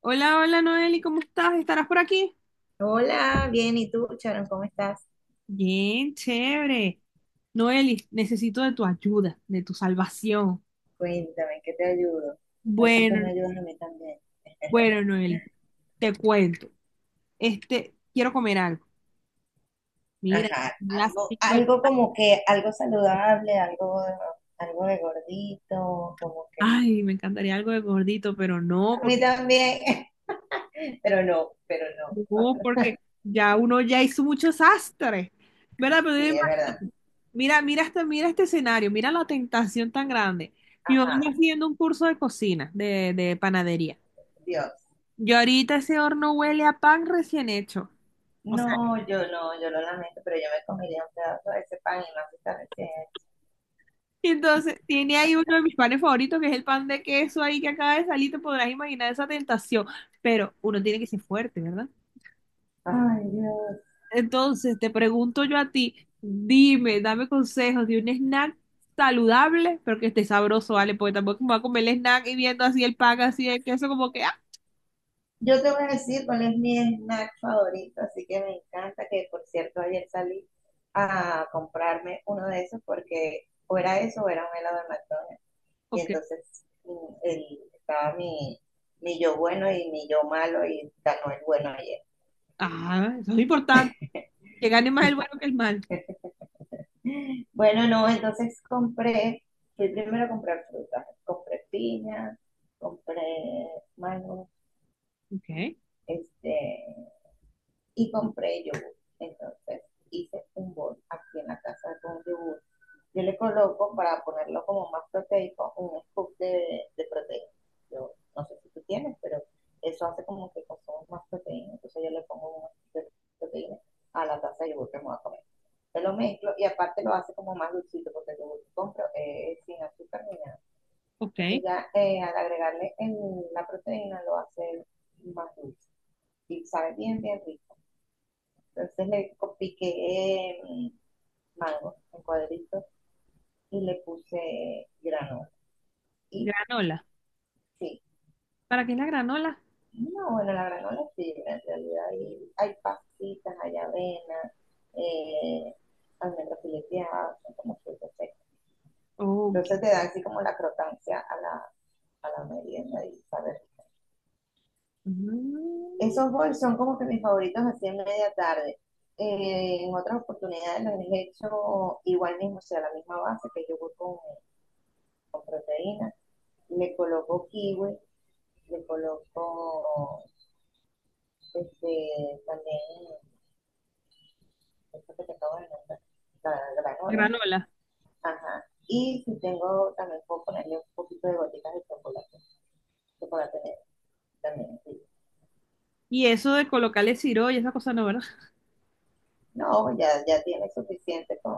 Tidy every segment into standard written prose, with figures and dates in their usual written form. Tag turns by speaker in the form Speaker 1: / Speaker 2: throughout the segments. Speaker 1: Hola, hola Noeli, ¿cómo estás? ¿Estarás por aquí?
Speaker 2: Hola, bien, ¿y tú, Sharon, cómo estás?
Speaker 1: Bien, chévere. Noeli, necesito de tu ayuda, de tu salvación.
Speaker 2: Cuéntame, ¿en ¿qué te ayudo? A ver si tú
Speaker 1: Bueno,
Speaker 2: me ayudas a mí también.
Speaker 1: bueno, Noeli, te cuento. Quiero comer algo. Mira, ya
Speaker 2: Ajá,
Speaker 1: son las
Speaker 2: algo,
Speaker 1: 5 de la
Speaker 2: algo
Speaker 1: tarde.
Speaker 2: como que, algo saludable, algo de gordito, como que.
Speaker 1: Ay, me encantaría algo de gordito, pero no,
Speaker 2: A mí
Speaker 1: porque
Speaker 2: también, pero no, pero no.
Speaker 1: no, porque ya uno hizo muchos sastres. ¿Verdad? Pero
Speaker 2: Sí, es verdad.
Speaker 1: imagínate, mira, mira este escenario, mira la tentación tan grande. Mi mamá
Speaker 2: Ajá,
Speaker 1: está haciendo un curso de cocina, de panadería.
Speaker 2: Dios.
Speaker 1: Yo ahorita ese horno huele a pan recién hecho. O sea,
Speaker 2: No, yo no, yo lo lamento, pero yo me comería un pedazo de ese pan y más si está recién.
Speaker 1: entonces tiene ahí uno de mis panes favoritos, que es el pan de queso ahí que acaba de salir, te podrás imaginar esa tentación. Pero uno tiene que ser fuerte, ¿verdad?
Speaker 2: Ay, Dios.
Speaker 1: Entonces te pregunto yo a ti, dime, dame consejos de un snack saludable, pero que esté sabroso, ¿vale? Porque tampoco me voy a comer el snack y viendo así el pan, así el queso, como que, ah,
Speaker 2: Yo te voy a decir cuál es mi snack favorito, así que me encanta que, por cierto, ayer salí a comprarme uno de esos porque o era eso o era un helado de McDonald's. Y
Speaker 1: ok.
Speaker 2: entonces estaba mi yo bueno y mi yo malo y ganó el bueno ayer.
Speaker 1: Ah, eso es importante, que gane más el bueno que el mal.
Speaker 2: Bueno, no, entonces fui primero a comprar frutas, compré piña, compré mango,
Speaker 1: Ok,
Speaker 2: este, y compré yogur. Entonces hice un bol aquí en la casa con yogur. Yo le coloco para ponerlo como más proteico un scoop de proteína. Yo no sé si tú tienes, pero eso hace como que consumimos más proteína. Entonces yo le pongo un scoop de proteína a la taza de yogur que me voy a comer. Se lo mezclo y aparte lo hace como más dulcito porque el yogur que compro es sin azúcar ni nada.
Speaker 1: ok.
Speaker 2: Entonces ya al agregarle en la proteína lo hace más dulce y sabe bien, bien rico. Entonces le piqué mango en cuadritos y le puse granola. Y
Speaker 1: Granola.
Speaker 2: sí,
Speaker 1: ¿Para qué es la granola?
Speaker 2: no, bueno, la granola es fibra en realidad. Y hay pastitas, hay avena, eh, almendras fileteadas, son como frutas secas.
Speaker 1: Ok.
Speaker 2: Entonces te da así como la crocancia a la merienda y saber.
Speaker 1: Mm.
Speaker 2: Esos bowls son como que mis favoritos así en media tarde. En otras oportunidades los he hecho igual mismo, o sea, la misma base que yo voy con proteína, le coloco kiwi, le coloco también esto que te acabo de nombrar, la granola.
Speaker 1: Granola.
Speaker 2: Ajá. Y si tengo, también puedo ponerle un poquito de gotitas de chocolate, chocolate negro también. Sí.
Speaker 1: Y eso de colocarle siro y esa cosa no, ¿verdad?
Speaker 2: No, ya, ya tiene suficiente con,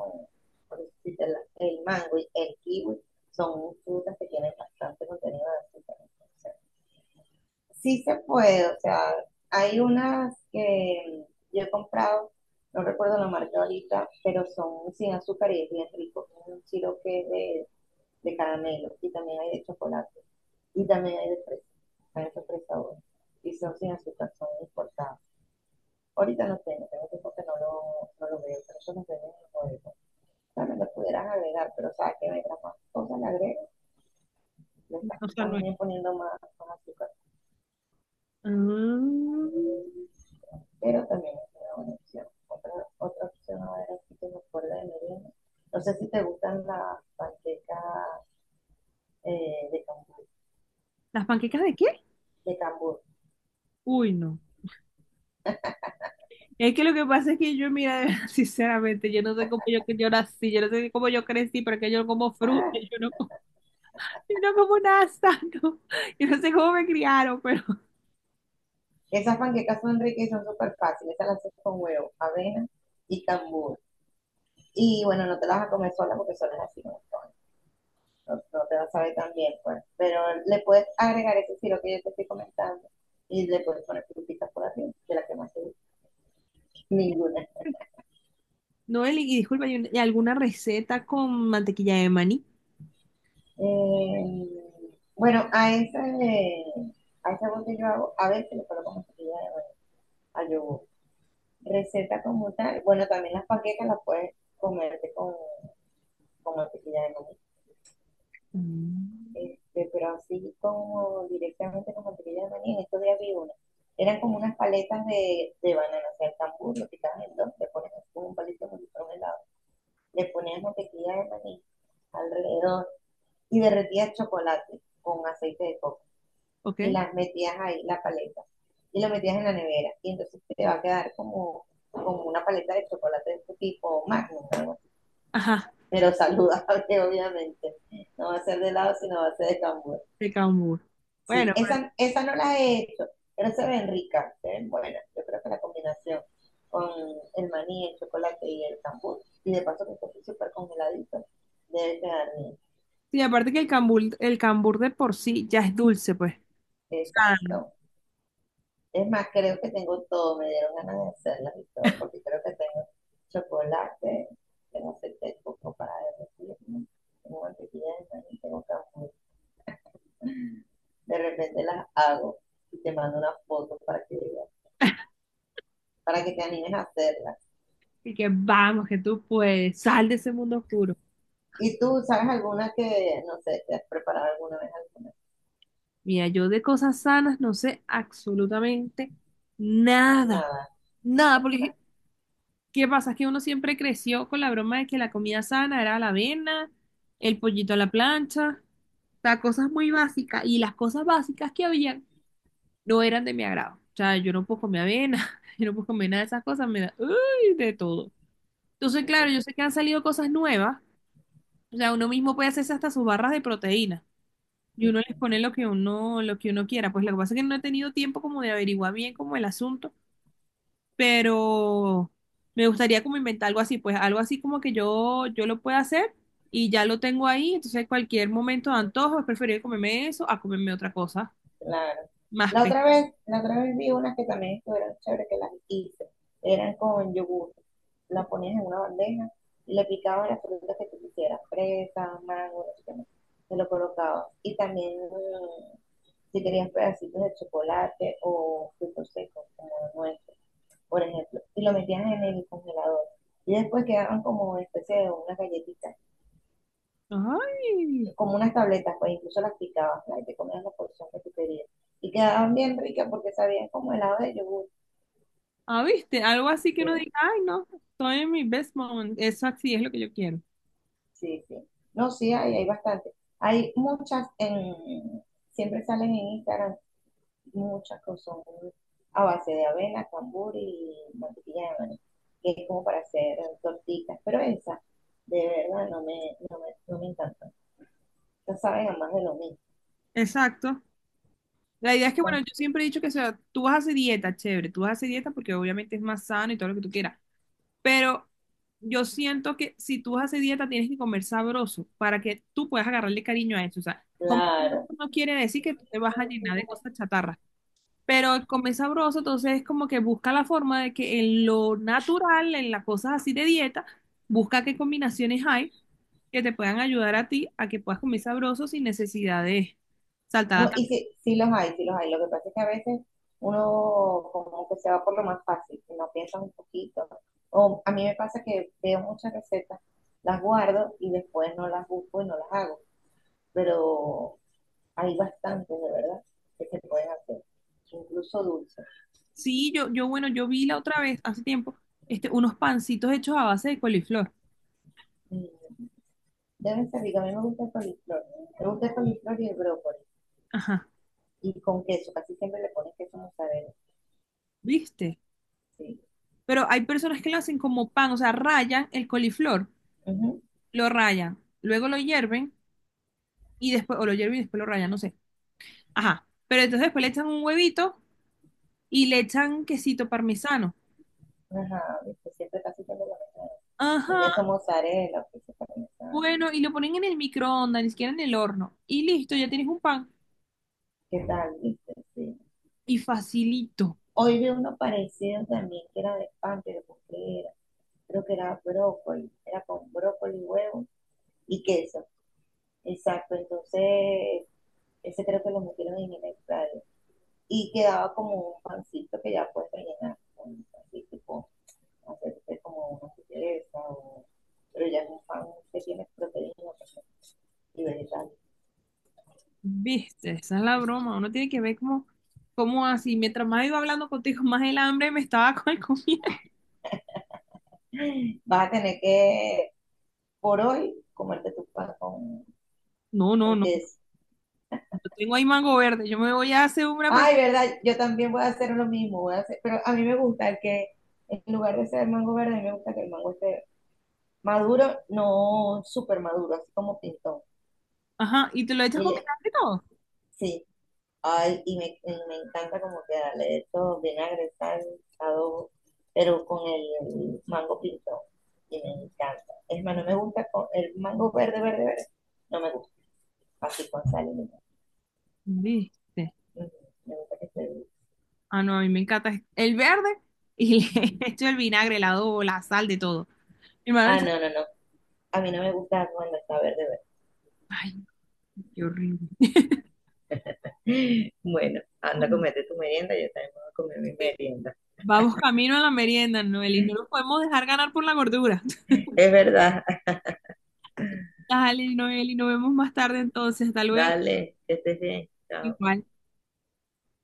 Speaker 2: por decirte, el mango y el kiwi. Son frutas que tienen bastante contenido de azúcar. Entonces, sí se puede, o sea, hay unas que yo he comprado, no recuerdo la marca ahorita, pero son sin azúcar y es bien rico. Tiene un sirope que es de caramelo y también hay de chocolate y también hay de fresa. Hay de tres sabores y son sin azúcar, son importados. Ahorita no tengo, tengo tiempo que no no lo veo, pero eso no venden en el bodega. También lo pudieras agregar, pero sabes sea, que venga más cosas, le agregas, le estás
Speaker 1: O sea, no. Es.
Speaker 2: también poniendo más, más azúcar.
Speaker 1: Mm.
Speaker 2: Pero también es una buena opción. Otra, otra opción, a ver, aquí que me acuerdo de merienda. No sé si te gustan las panquecas eh, de,
Speaker 1: ¿Las panquecas de qué?
Speaker 2: de cambur.
Speaker 1: Uy, no. Es que lo que pasa es que yo, mira, de verdad, sinceramente, yo no sé cómo yo, que yo nací, yo no sé cómo yo crecí, pero es que yo como fruta, yo no como, yo no como nada sano. Yo no sé cómo me criaron, pero
Speaker 2: Esas panquecas son ricas y son súper fáciles. Esas las haces con huevo, avena y cambur. Y bueno, no te las vas a comer sola porque solas así no son. No, no te vas a saber tan bien, pues. Pero le puedes agregar ese estilo que yo te estoy comentando y le puedes poner frutitas por arriba, de la que más te gusta. Ninguna.
Speaker 1: Noel, y disculpa, ¿y y alguna receta con mantequilla de maní?
Speaker 2: Eh, bueno, a ese bote yo hago, a veces le coloco mantequilla de maní al yogur. Receta como tal, bueno, también las panquecas las puedes comerte con mantequilla de maní.
Speaker 1: Mm.
Speaker 2: Pero así como directamente con mantequilla de maní, en estos días vi una. Eran como unas paletas de banana, o sea, el cambur lo quitabas en dos, le pones así como un palito con un helado, le ponías mantequilla de maní alrededor y derretías chocolate con aceite de coco
Speaker 1: ¿Ok?
Speaker 2: y las metías ahí, la paleta, y lo metías en la nevera, y entonces te va a quedar como, como una paleta de chocolate de este tipo magnum, ¿no?
Speaker 1: Ajá,
Speaker 2: Pero saludable, obviamente. No va a ser de helado, sino va a ser de cambur.
Speaker 1: de cambur.
Speaker 2: Sí,
Speaker 1: Bueno,
Speaker 2: esa no la he hecho, pero se ven ricas, se ven buenas. Yo creo que la combinación con el maní, el chocolate y el cambur, y de paso que está súper congeladito, debe quedar bien.
Speaker 1: sí, aparte que el cambur de por sí ya es dulce, pues. Sano.
Speaker 2: Exacto. Es más, creo que tengo todo, me dieron ganas de hacerlas y todo, porque creo que tengo chocolate, tengo aceite de coco para derretir, tengo mantequilla de maní, tengo café. De repente las hago y te mando una foto para que veas, para que te animes a hacerlas.
Speaker 1: Y que vamos, que tú puedes, sal de ese mundo oscuro.
Speaker 2: ¿Y tú sabes alguna que, no sé, te has preparado alguna vez alguna?
Speaker 1: Mira, yo de cosas sanas no sé absolutamente nada.
Speaker 2: Nada.
Speaker 1: Nada, porque ¿qué pasa? Es que uno siempre creció con la broma de que la comida sana era la avena, el pollito a la plancha, o sea, cosas muy básicas. Y las cosas básicas que habían no eran de mi agrado. O sea, yo no puedo comer avena, yo no puedo comer nada de esas cosas, me da, uy, de todo. Entonces, claro, yo sé que han salido cosas nuevas. O sea, uno mismo puede hacerse hasta sus barras de proteína. Y uno les pone lo que uno quiera. Pues lo que pasa es que no he tenido tiempo como de averiguar bien como el asunto. Pero me gustaría como inventar algo así. Pues algo así como que yo lo pueda hacer y ya lo tengo ahí. Entonces, cualquier momento de antojo, es preferible comerme eso a comerme otra cosa
Speaker 2: Claro.
Speaker 1: más pesada.
Speaker 2: La otra vez vi unas que también estuvieron chéveres, que las hice. Eran con yogur. La ponías en una bandeja y le picabas las frutas que tú quisieras, fresa, mango, no sé qué más. Se lo colocabas. Y también, si querías pedacitos de chocolate o frutos secos, como nueces por ejemplo. Y lo metías en el congelador. Y después quedaban como especie de una galletita,
Speaker 1: Ay,
Speaker 2: como unas tabletas, pues incluso las picabas, ¿no? Y te comías la porción que tú querías. Y quedaban bien ricas porque sabían como helado de yogur.
Speaker 1: ah, viste, algo así que uno
Speaker 2: Sí,
Speaker 1: diga, ay, no, estoy en mi best moment. Eso así es lo que yo quiero.
Speaker 2: sí, sí. No, sí, hay bastante. Hay muchas en, siempre salen en Instagram, muchas que son a base de avena, cambur y mantequilla de maní, que es como para hacer tortitas, pero esa de verdad no me encanta. Esas saben a más de lo mismo.
Speaker 1: Exacto. La idea es que,
Speaker 2: Esas,
Speaker 1: bueno, yo siempre he dicho que, o sea, tú vas a hacer dieta, chévere, tú vas a hacer dieta porque obviamente es más sano y todo lo que tú quieras, pero yo siento que si tú vas a hacer dieta tienes que comer sabroso para que tú puedas agarrarle cariño a eso. O sea, comer sabroso
Speaker 2: claro.
Speaker 1: no quiere decir que tú te vas a llenar de cosas chatarras, pero el comer sabroso entonces es como que busca la forma de que en lo natural, en las cosas así de dieta, busca qué combinaciones hay que te puedan ayudar a ti a que puedas comer sabroso sin necesidad de saltar
Speaker 2: No,
Speaker 1: a.
Speaker 2: y sí, sí los hay, sí los hay. Lo que pasa es que a veces uno como que se va por lo más fácil, que no piensa un poquito. O a mí me pasa que veo muchas recetas, las guardo y después no las busco y no las hago. Pero hay bastantes, de verdad, que se pueden hacer, incluso dulces.
Speaker 1: Sí, bueno, yo vi la otra vez, hace tiempo, unos pancitos hechos a base de coliflor.
Speaker 2: Mm, deben ser ricas. A mí me gusta el coliflor. Me gusta el coliflor y el brócoli.
Speaker 1: Ajá,
Speaker 2: Y con queso, casi siempre le pones queso mozzarella.
Speaker 1: ¿viste?
Speaker 2: Sí.
Speaker 1: Pero hay personas que lo hacen como pan, o sea, rayan el coliflor,
Speaker 2: Ujú.
Speaker 1: lo rayan, luego lo hierven y después, o lo hierven y después lo rayan, no sé. Ajá, pero entonces después le echan un huevito y le echan quesito parmesano.
Speaker 2: Ajá, viste, siempre casi siempre lo pones queso
Speaker 1: Ajá,
Speaker 2: mozzarella, queso parmesano.
Speaker 1: bueno, y lo ponen en el microondas, ni siquiera en el horno. Y listo, ya tienes un pan.
Speaker 2: ¿Qué tal? ¿Viste? Sí.
Speaker 1: Y facilito.
Speaker 2: Hoy vi uno parecido también que era de pan, pero ¿con qué era? Creo que era brócoli, era con brócoli, huevo y queso. Exacto, entonces ese creo que lo metieron en el extraño. Y quedaba como un pancito que ya puedes rellenar con un pancito, tipo, hacerte como una sutileza, o... pero ya es un pan que tiene proteína pues, y vegetales.
Speaker 1: Viste, esa es la broma. Uno tiene que ver cómo, cómo así. Mientras más iba hablando contigo, más el hambre me estaba con el comida.
Speaker 2: Vas a tener que, por hoy, comerte tu pan con...
Speaker 1: No, no, no.
Speaker 2: Entonces,
Speaker 1: Yo tengo ahí mango verde. Yo me voy a hacer una. Pre-
Speaker 2: ay, verdad, yo también voy a hacer lo mismo, voy a hacer, pero a mí me gusta que en lugar de ser mango verde, a mí me gusta que el mango esté maduro, no súper maduro, así como pintón.
Speaker 1: ajá, y te lo echas
Speaker 2: Y
Speaker 1: con
Speaker 2: le,
Speaker 1: vinagre y todo.
Speaker 2: sí, y me encanta como que darle esto vinagre, sal, adobo, pero con el mango pintón. Y me encanta. Es más, no me gusta con el mango verde, verde, verde. No me gusta. Así con sal y limón.
Speaker 1: Viste.
Speaker 2: Mm, me gusta que esté.
Speaker 1: Ah, no, a mí me encanta el verde y le echo el vinagre, el adobo, la sal, de todo. Mi hermano
Speaker 2: Ah,
Speaker 1: dice,
Speaker 2: no, no, no. A mí no me gusta cuando está verde, verde.
Speaker 1: ay, qué horrible.
Speaker 2: Bueno, anda a comerte tu merienda, yo también voy a comer mi merienda.
Speaker 1: Vamos camino a la merienda, Noel, y no nos podemos dejar ganar por la gordura.
Speaker 2: Es verdad,
Speaker 1: Dale, Noel, y nos vemos más tarde entonces. Hasta luego.
Speaker 2: dale, que estés bien. Chao.
Speaker 1: Igual.